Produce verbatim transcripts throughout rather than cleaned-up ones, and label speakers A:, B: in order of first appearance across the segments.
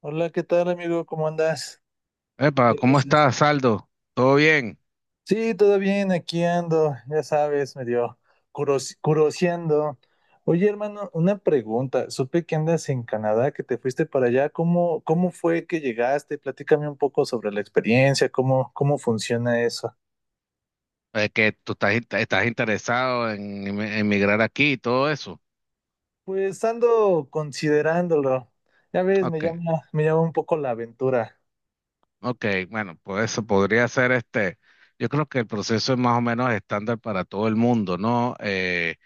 A: Hola, ¿qué tal, amigo? ¿Cómo andas?
B: Epa,
A: ¿Qué
B: ¿cómo
A: haces?
B: estás, Saldo? ¿Todo bien?
A: Sí, todo bien, aquí ando, ya sabes, medio curos- curoseando. Oye, hermano, una pregunta. Supe que andas en Canadá, que te fuiste para allá. ¿Cómo, cómo fue que llegaste? Platícame un poco sobre la experiencia, cómo, cómo funciona eso.
B: Es que tú estás, in- estás interesado en em- emigrar aquí y todo eso.
A: Pues ando considerándolo. Ya ves, me
B: Ok,
A: llama, me llama un poco la aventura.
B: ok, bueno, pues eso podría ser este. Yo creo que el proceso es más o menos estándar para todo el mundo, ¿no? Eh,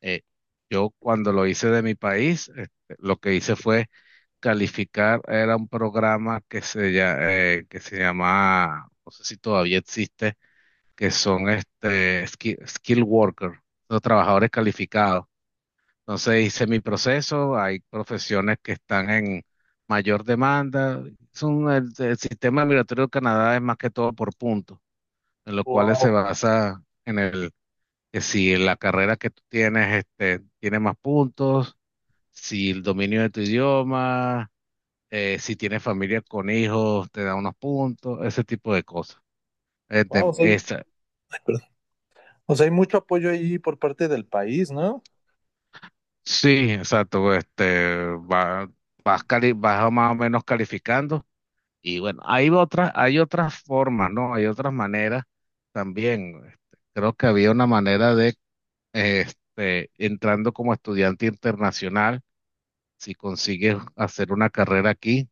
B: eh, yo cuando lo hice de mi país, este, lo que hice fue calificar. Era un programa que se, lla- eh, que se llamaba, no sé si todavía existe, que son este, skill, skill worker, los trabajadores calificados. Entonces hice mi proceso. Hay profesiones que están en mayor demanda. Es un- el, el sistema migratorio de Canadá es más que todo por puntos, en lo cual se
A: Wow,
B: basa en el que, si la carrera que tú tienes este, tiene más puntos, si el dominio de tu idioma, eh, si tienes familia con hijos, te da unos puntos, ese tipo de cosas. Este,
A: wow, soy-
B: esa-
A: O sea, hay mucho apoyo ahí por parte del país, ¿no?
B: Sí, exacto. Este, va- vas, cali- vas más o menos calificando. Y bueno, hay otras, hay otras formas, ¿no? Hay otras maneras también. Este, creo que había una manera de, este, entrando como estudiante internacional, si consigues hacer una carrera aquí,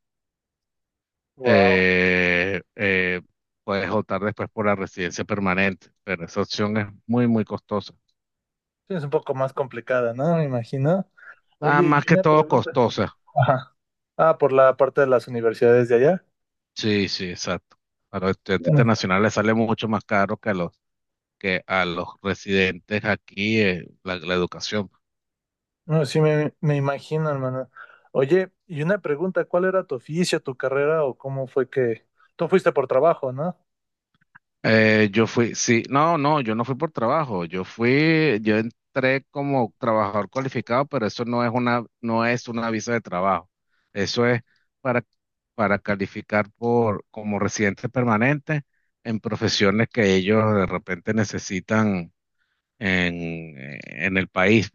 A: Wow.
B: eh, eh, puedes optar después por la residencia permanente. Pero esa opción es muy, muy costosa.
A: Sí, es un poco más complicada, ¿no? Me imagino.
B: Nada
A: Oye,
B: más
A: y
B: que
A: una
B: todo
A: pregunta.
B: costosa.
A: Ajá. Ah, por la parte de las universidades de allá.
B: Sí, sí, exacto. A los estudiantes
A: Bueno,
B: internacionales les sale mucho más caro que a los, que a los residentes aquí eh, la, la educación.
A: no, sí, me, me imagino, hermano. Oye, y una pregunta, ¿cuál era tu oficio, tu carrera o cómo fue que... Tú fuiste por trabajo, ¿no?
B: Eh, yo fui, sí, no, no, yo no fui por trabajo. Yo fui, yo entré como trabajador cualificado, pero eso no es una, no es una visa de trabajo. Eso es para, para calificar por, como residente permanente en profesiones que ellos de repente necesitan en, en el país.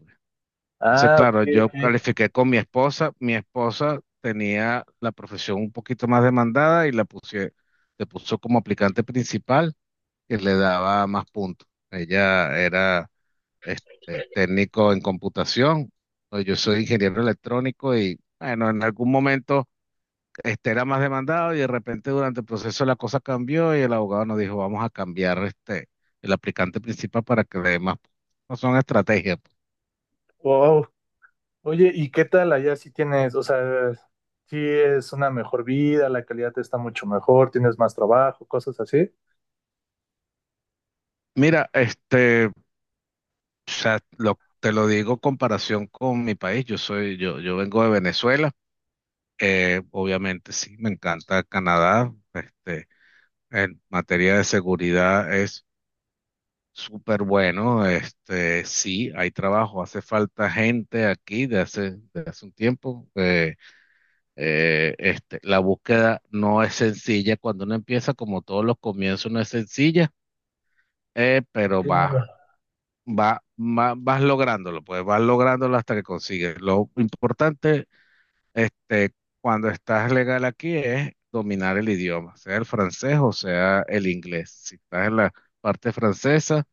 B: Entonces,
A: Ah, ok,
B: claro, yo
A: ok.
B: califiqué con mi esposa. Mi esposa tenía la profesión un poquito más demandada y la puse, le puso como aplicante principal, que le daba más puntos. Ella era este, técnico en computación. ¿No? Yo soy ingeniero electrónico y, bueno, en algún momento este era más demandado y de repente durante el proceso la cosa cambió y el abogado nos dijo, vamos a cambiar este, el aplicante principal para que le dé más puntos. No son estrategias.
A: Wow. Oye, ¿y qué tal allá si tienes, o sea, si es una mejor vida, la calidad está mucho mejor, tienes más trabajo, cosas así?
B: Mira, este. O sea, lo- te lo digo en comparación con mi país. Yo soy, yo, yo vengo de Venezuela. Eh, obviamente sí, me encanta Canadá. Este, en materia de seguridad es súper bueno. Este, sí, hay trabajo. Hace falta gente aquí de hace, de hace un tiempo. Eh, eh, este, la búsqueda no es sencilla. Cuando uno empieza, como todos los comienzos, no es sencilla. Eh, pero
A: Claro.
B: va, va, va- vas lográndolo, pues vas lográndolo hasta que consigues. Lo importante, este, cuando estás legal aquí es dominar el idioma, sea el francés o sea el inglés. Si estás en la parte francesa,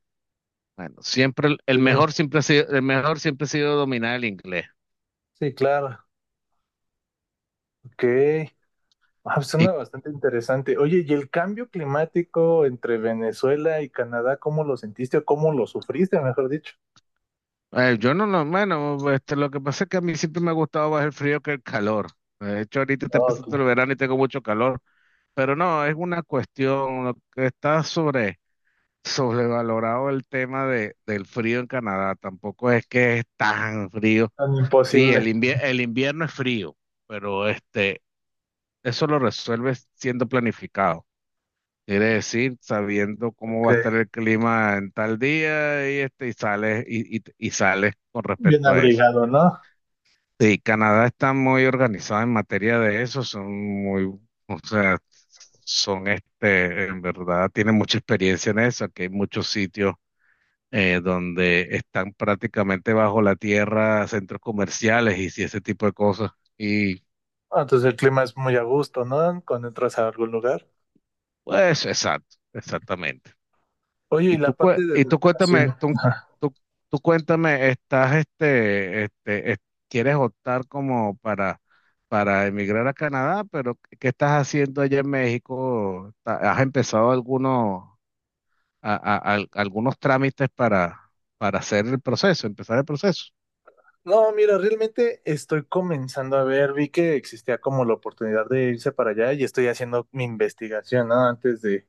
B: bueno, siempre el,
A: Sí,
B: el mejor siempre ha sido, el mejor siempre ha sido dominar el inglés.
A: sí, claro. Ok. Ah, pues,
B: Y
A: suena bastante interesante. Oye, ¿y el cambio climático entre Venezuela y Canadá, cómo lo sentiste o cómo lo sufriste, mejor dicho?
B: eh, yo no, lo bueno, este, lo que pasa es que a mí siempre me ha gustado más el frío que el calor. De hecho, ahorita está empezando
A: Oh,
B: el verano y tengo mucho calor, pero no, es una cuestión, lo que está sobre sobrevalorado el tema de, del frío en Canadá. Tampoco es que es tan frío.
A: tan
B: Sí, el
A: imposible.
B: invier- el invierno es frío, pero este, eso lo resuelves siendo planificado. Quiere decir, sabiendo cómo
A: Ok,
B: va a estar el clima en tal día y este, y sales, y, y, y sales con
A: bien
B: respecto a eso.
A: abrigado, ¿no?
B: Sí, Canadá está muy organizado en materia de eso. Son muy, o sea, son este, en verdad, tienen mucha experiencia en eso. Aquí hay muchos sitios eh, donde están prácticamente bajo la tierra centros comerciales y si ese tipo de cosas. Y
A: Ah, entonces el clima es muy a gusto, ¿no? Cuando entras a algún lugar.
B: pues, exacto, exactamente.
A: Oye,
B: Y
A: ¿y
B: tú,
A: la
B: cué-
A: parte de
B: y tú cuéntame,
A: educación?
B: tú, tú, tú cuéntame, estás, este, este, es- quieres optar como para, para emigrar a Canadá, pero ¿qué estás haciendo allá en México? Ta- ¿Has empezado algunos, a- a- al- algunos trámites para, para hacer el proceso, empezar el proceso?
A: No, mira, realmente estoy comenzando a ver, vi que existía como la oportunidad de irse para allá y estoy haciendo mi investigación, ¿no? Antes de,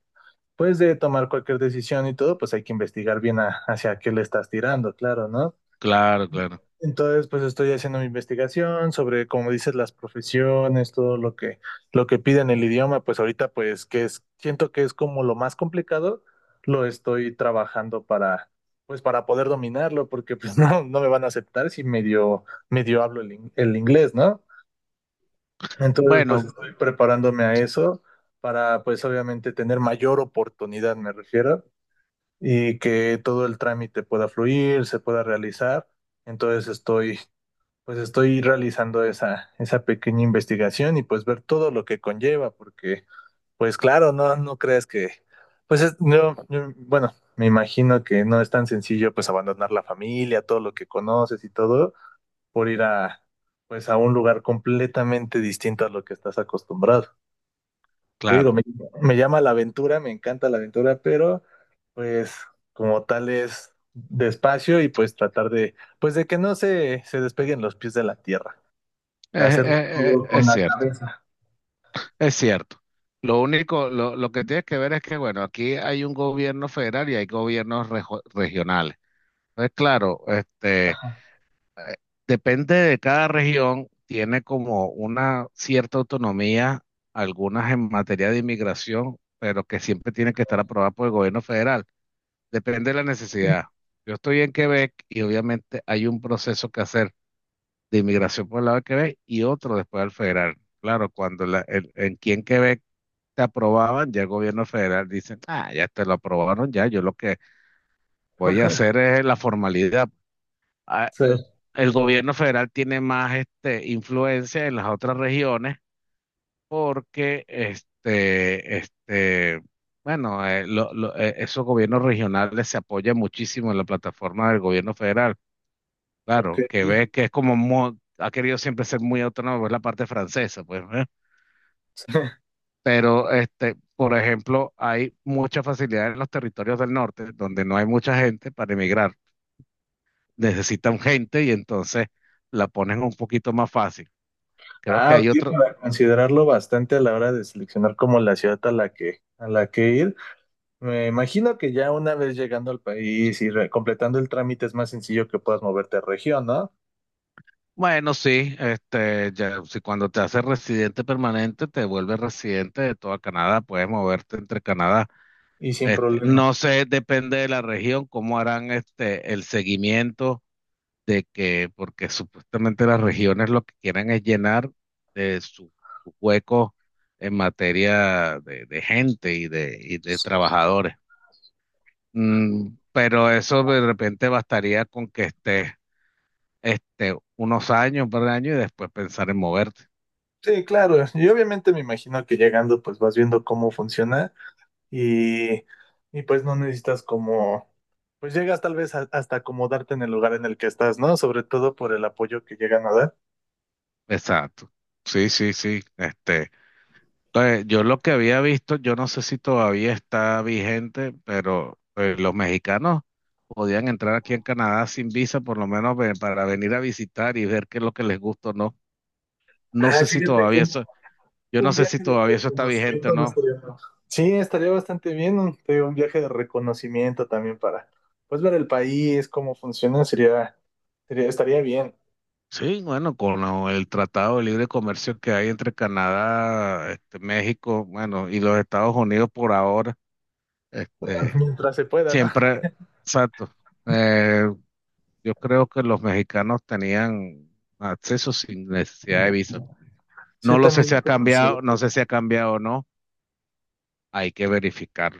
A: pues, de tomar cualquier decisión y todo, pues hay que investigar bien a- hacia qué le estás tirando, claro, ¿no?
B: Claro, claro.
A: Entonces, pues estoy haciendo mi investigación sobre, como dices, las profesiones, todo lo que, lo que piden el idioma, pues ahorita, pues, que es, siento que es como lo más complicado, lo estoy trabajando para, pues, para poder dominarlo, porque pues no, no me van a aceptar si medio, medio hablo el, in- el inglés, ¿no? Entonces, pues
B: Bueno,
A: estoy preparándome a eso para, pues, obviamente tener mayor oportunidad, me refiero, y que todo el trámite pueda fluir, se pueda realizar. Entonces estoy, pues estoy realizando esa, esa pequeña investigación y pues ver todo lo que conlleva, porque pues claro, no, no crees que, pues es- no, yo- bueno, me imagino que no es tan sencillo pues abandonar la familia, todo lo que conoces y todo, por ir a, pues a un lugar completamente distinto a lo que estás acostumbrado. Te
B: claro.
A: digo, me, me llama la aventura, me encanta la aventura, pero pues como tal es despacio y pues tratar de, pues de que no se, se despeguen los pies de la tierra. O sea,
B: Es,
A: hacerlo
B: es-
A: todo
B: es-
A: con
B: es
A: la
B: cierto,
A: cabeza.
B: es cierto. Lo único, lo, lo que tienes que ver es que, bueno, aquí hay un gobierno federal y hay gobiernos rejo- regionales. Entonces, claro, este,
A: Ajá.
B: depende de cada región, tiene como una cierta autonomía, algunas en materia de inmigración, pero que siempre tienen que estar aprobadas por el gobierno federal. Depende de la necesidad. Yo estoy en Quebec y obviamente hay un proceso que hacer de inmigración por el lado de Quebec y otro después al federal. Claro, cuando la, el- en aquí en Quebec te aprobaban, ya el gobierno federal dicen, ah, ya te lo aprobaron, ya, yo lo que voy a hacer es la formalidad. Ah,
A: Sí,
B: eh, el gobierno federal tiene más este, influencia en las otras regiones porque este, este, bueno, eh, lo- lo- eh, esos gobiernos regionales se apoyan muchísimo en la plataforma del gobierno federal. Claro,
A: ok.
B: que ve que es como mo- ha querido siempre ser muy autónomo, es la parte francesa, pues, ¿eh? Pero, este, por ejemplo, hay mucha facilidad en los territorios del norte, donde no hay mucha gente para emigrar. Necesitan gente y entonces la ponen un poquito más fácil. Creo que
A: Ah,
B: hay
A: ok,
B: otro,
A: para considerarlo bastante a la hora de seleccionar como la ciudad a la que, a la que ir. Me imagino que ya una vez llegando al país y re- completando el trámite es más sencillo que puedas moverte a región, ¿no?
B: bueno, sí, este, ya, si cuando te haces residente permanente, te vuelves residente de toda Canadá, puedes moverte entre Canadá.
A: Y sin
B: Este,
A: problema.
B: no sé, depende de la región, cómo harán este, el seguimiento de que, porque supuestamente las regiones lo que quieren es llenar de sus huecos en materia de, de gente y de, y de trabajadores. Mm, pero eso de repente bastaría con que estés este, unos años, un par de años y después pensar en moverte.
A: Sí, claro. Y obviamente me imagino que llegando pues vas viendo cómo funciona y, y pues no necesitas como, pues llegas tal vez a- hasta acomodarte en el lugar en el que estás, ¿no? Sobre todo por el apoyo que llegan a dar.
B: Exacto. Sí, sí, sí. Este. Eh, yo lo que había visto, yo no sé si todavía está vigente, pero eh, los mexicanos podían entrar aquí en Canadá sin visa, por lo menos ve- para venir a visitar y ver qué es lo que les gusta o no. No
A: Ah,
B: sé si
A: fíjate que
B: todavía
A: un,
B: eso, yo no
A: un
B: sé si
A: viaje de
B: todavía eso está vigente o
A: reconocimiento no
B: no.
A: estaría mal. Sí, estaría bastante bien, un, te digo, un viaje de reconocimiento también para pues ver el país, cómo funciona, sería, sería estaría bien
B: Sí, bueno, con lo- el Tratado de Libre Comercio que hay entre Canadá, este, México, bueno, y los Estados Unidos por ahora, este,
A: mientras se pueda, ¿no?
B: siempre, exacto. eh, Yo creo que los mexicanos tenían acceso sin necesidad de visa.
A: Sí,
B: No lo sé
A: también.
B: si ha cambiado, no sé si ha cambiado o no. Hay que verificarlo.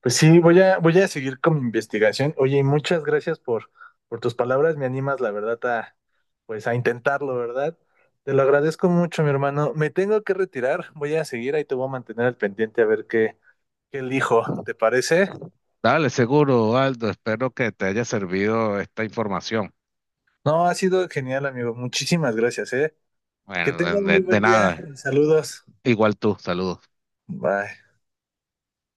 A: Pues sí, voy a, voy a seguir con mi investigación. Oye, y muchas gracias por, por tus palabras. Me animas, la verdad, a, pues a intentarlo, ¿verdad? Te lo agradezco mucho, mi hermano. Me tengo que retirar. Voy a seguir, ahí te voy a mantener al pendiente a ver qué, qué elijo. ¿Te parece?
B: Dale, seguro, Aldo. Espero que te haya servido esta información.
A: No, ha sido genial, amigo. Muchísimas gracias, ¿eh? Que
B: Bueno, de,
A: tengas
B: de
A: muy
B: de
A: buen día.
B: nada.
A: Saludos.
B: Igual tú, saludos.
A: Bye.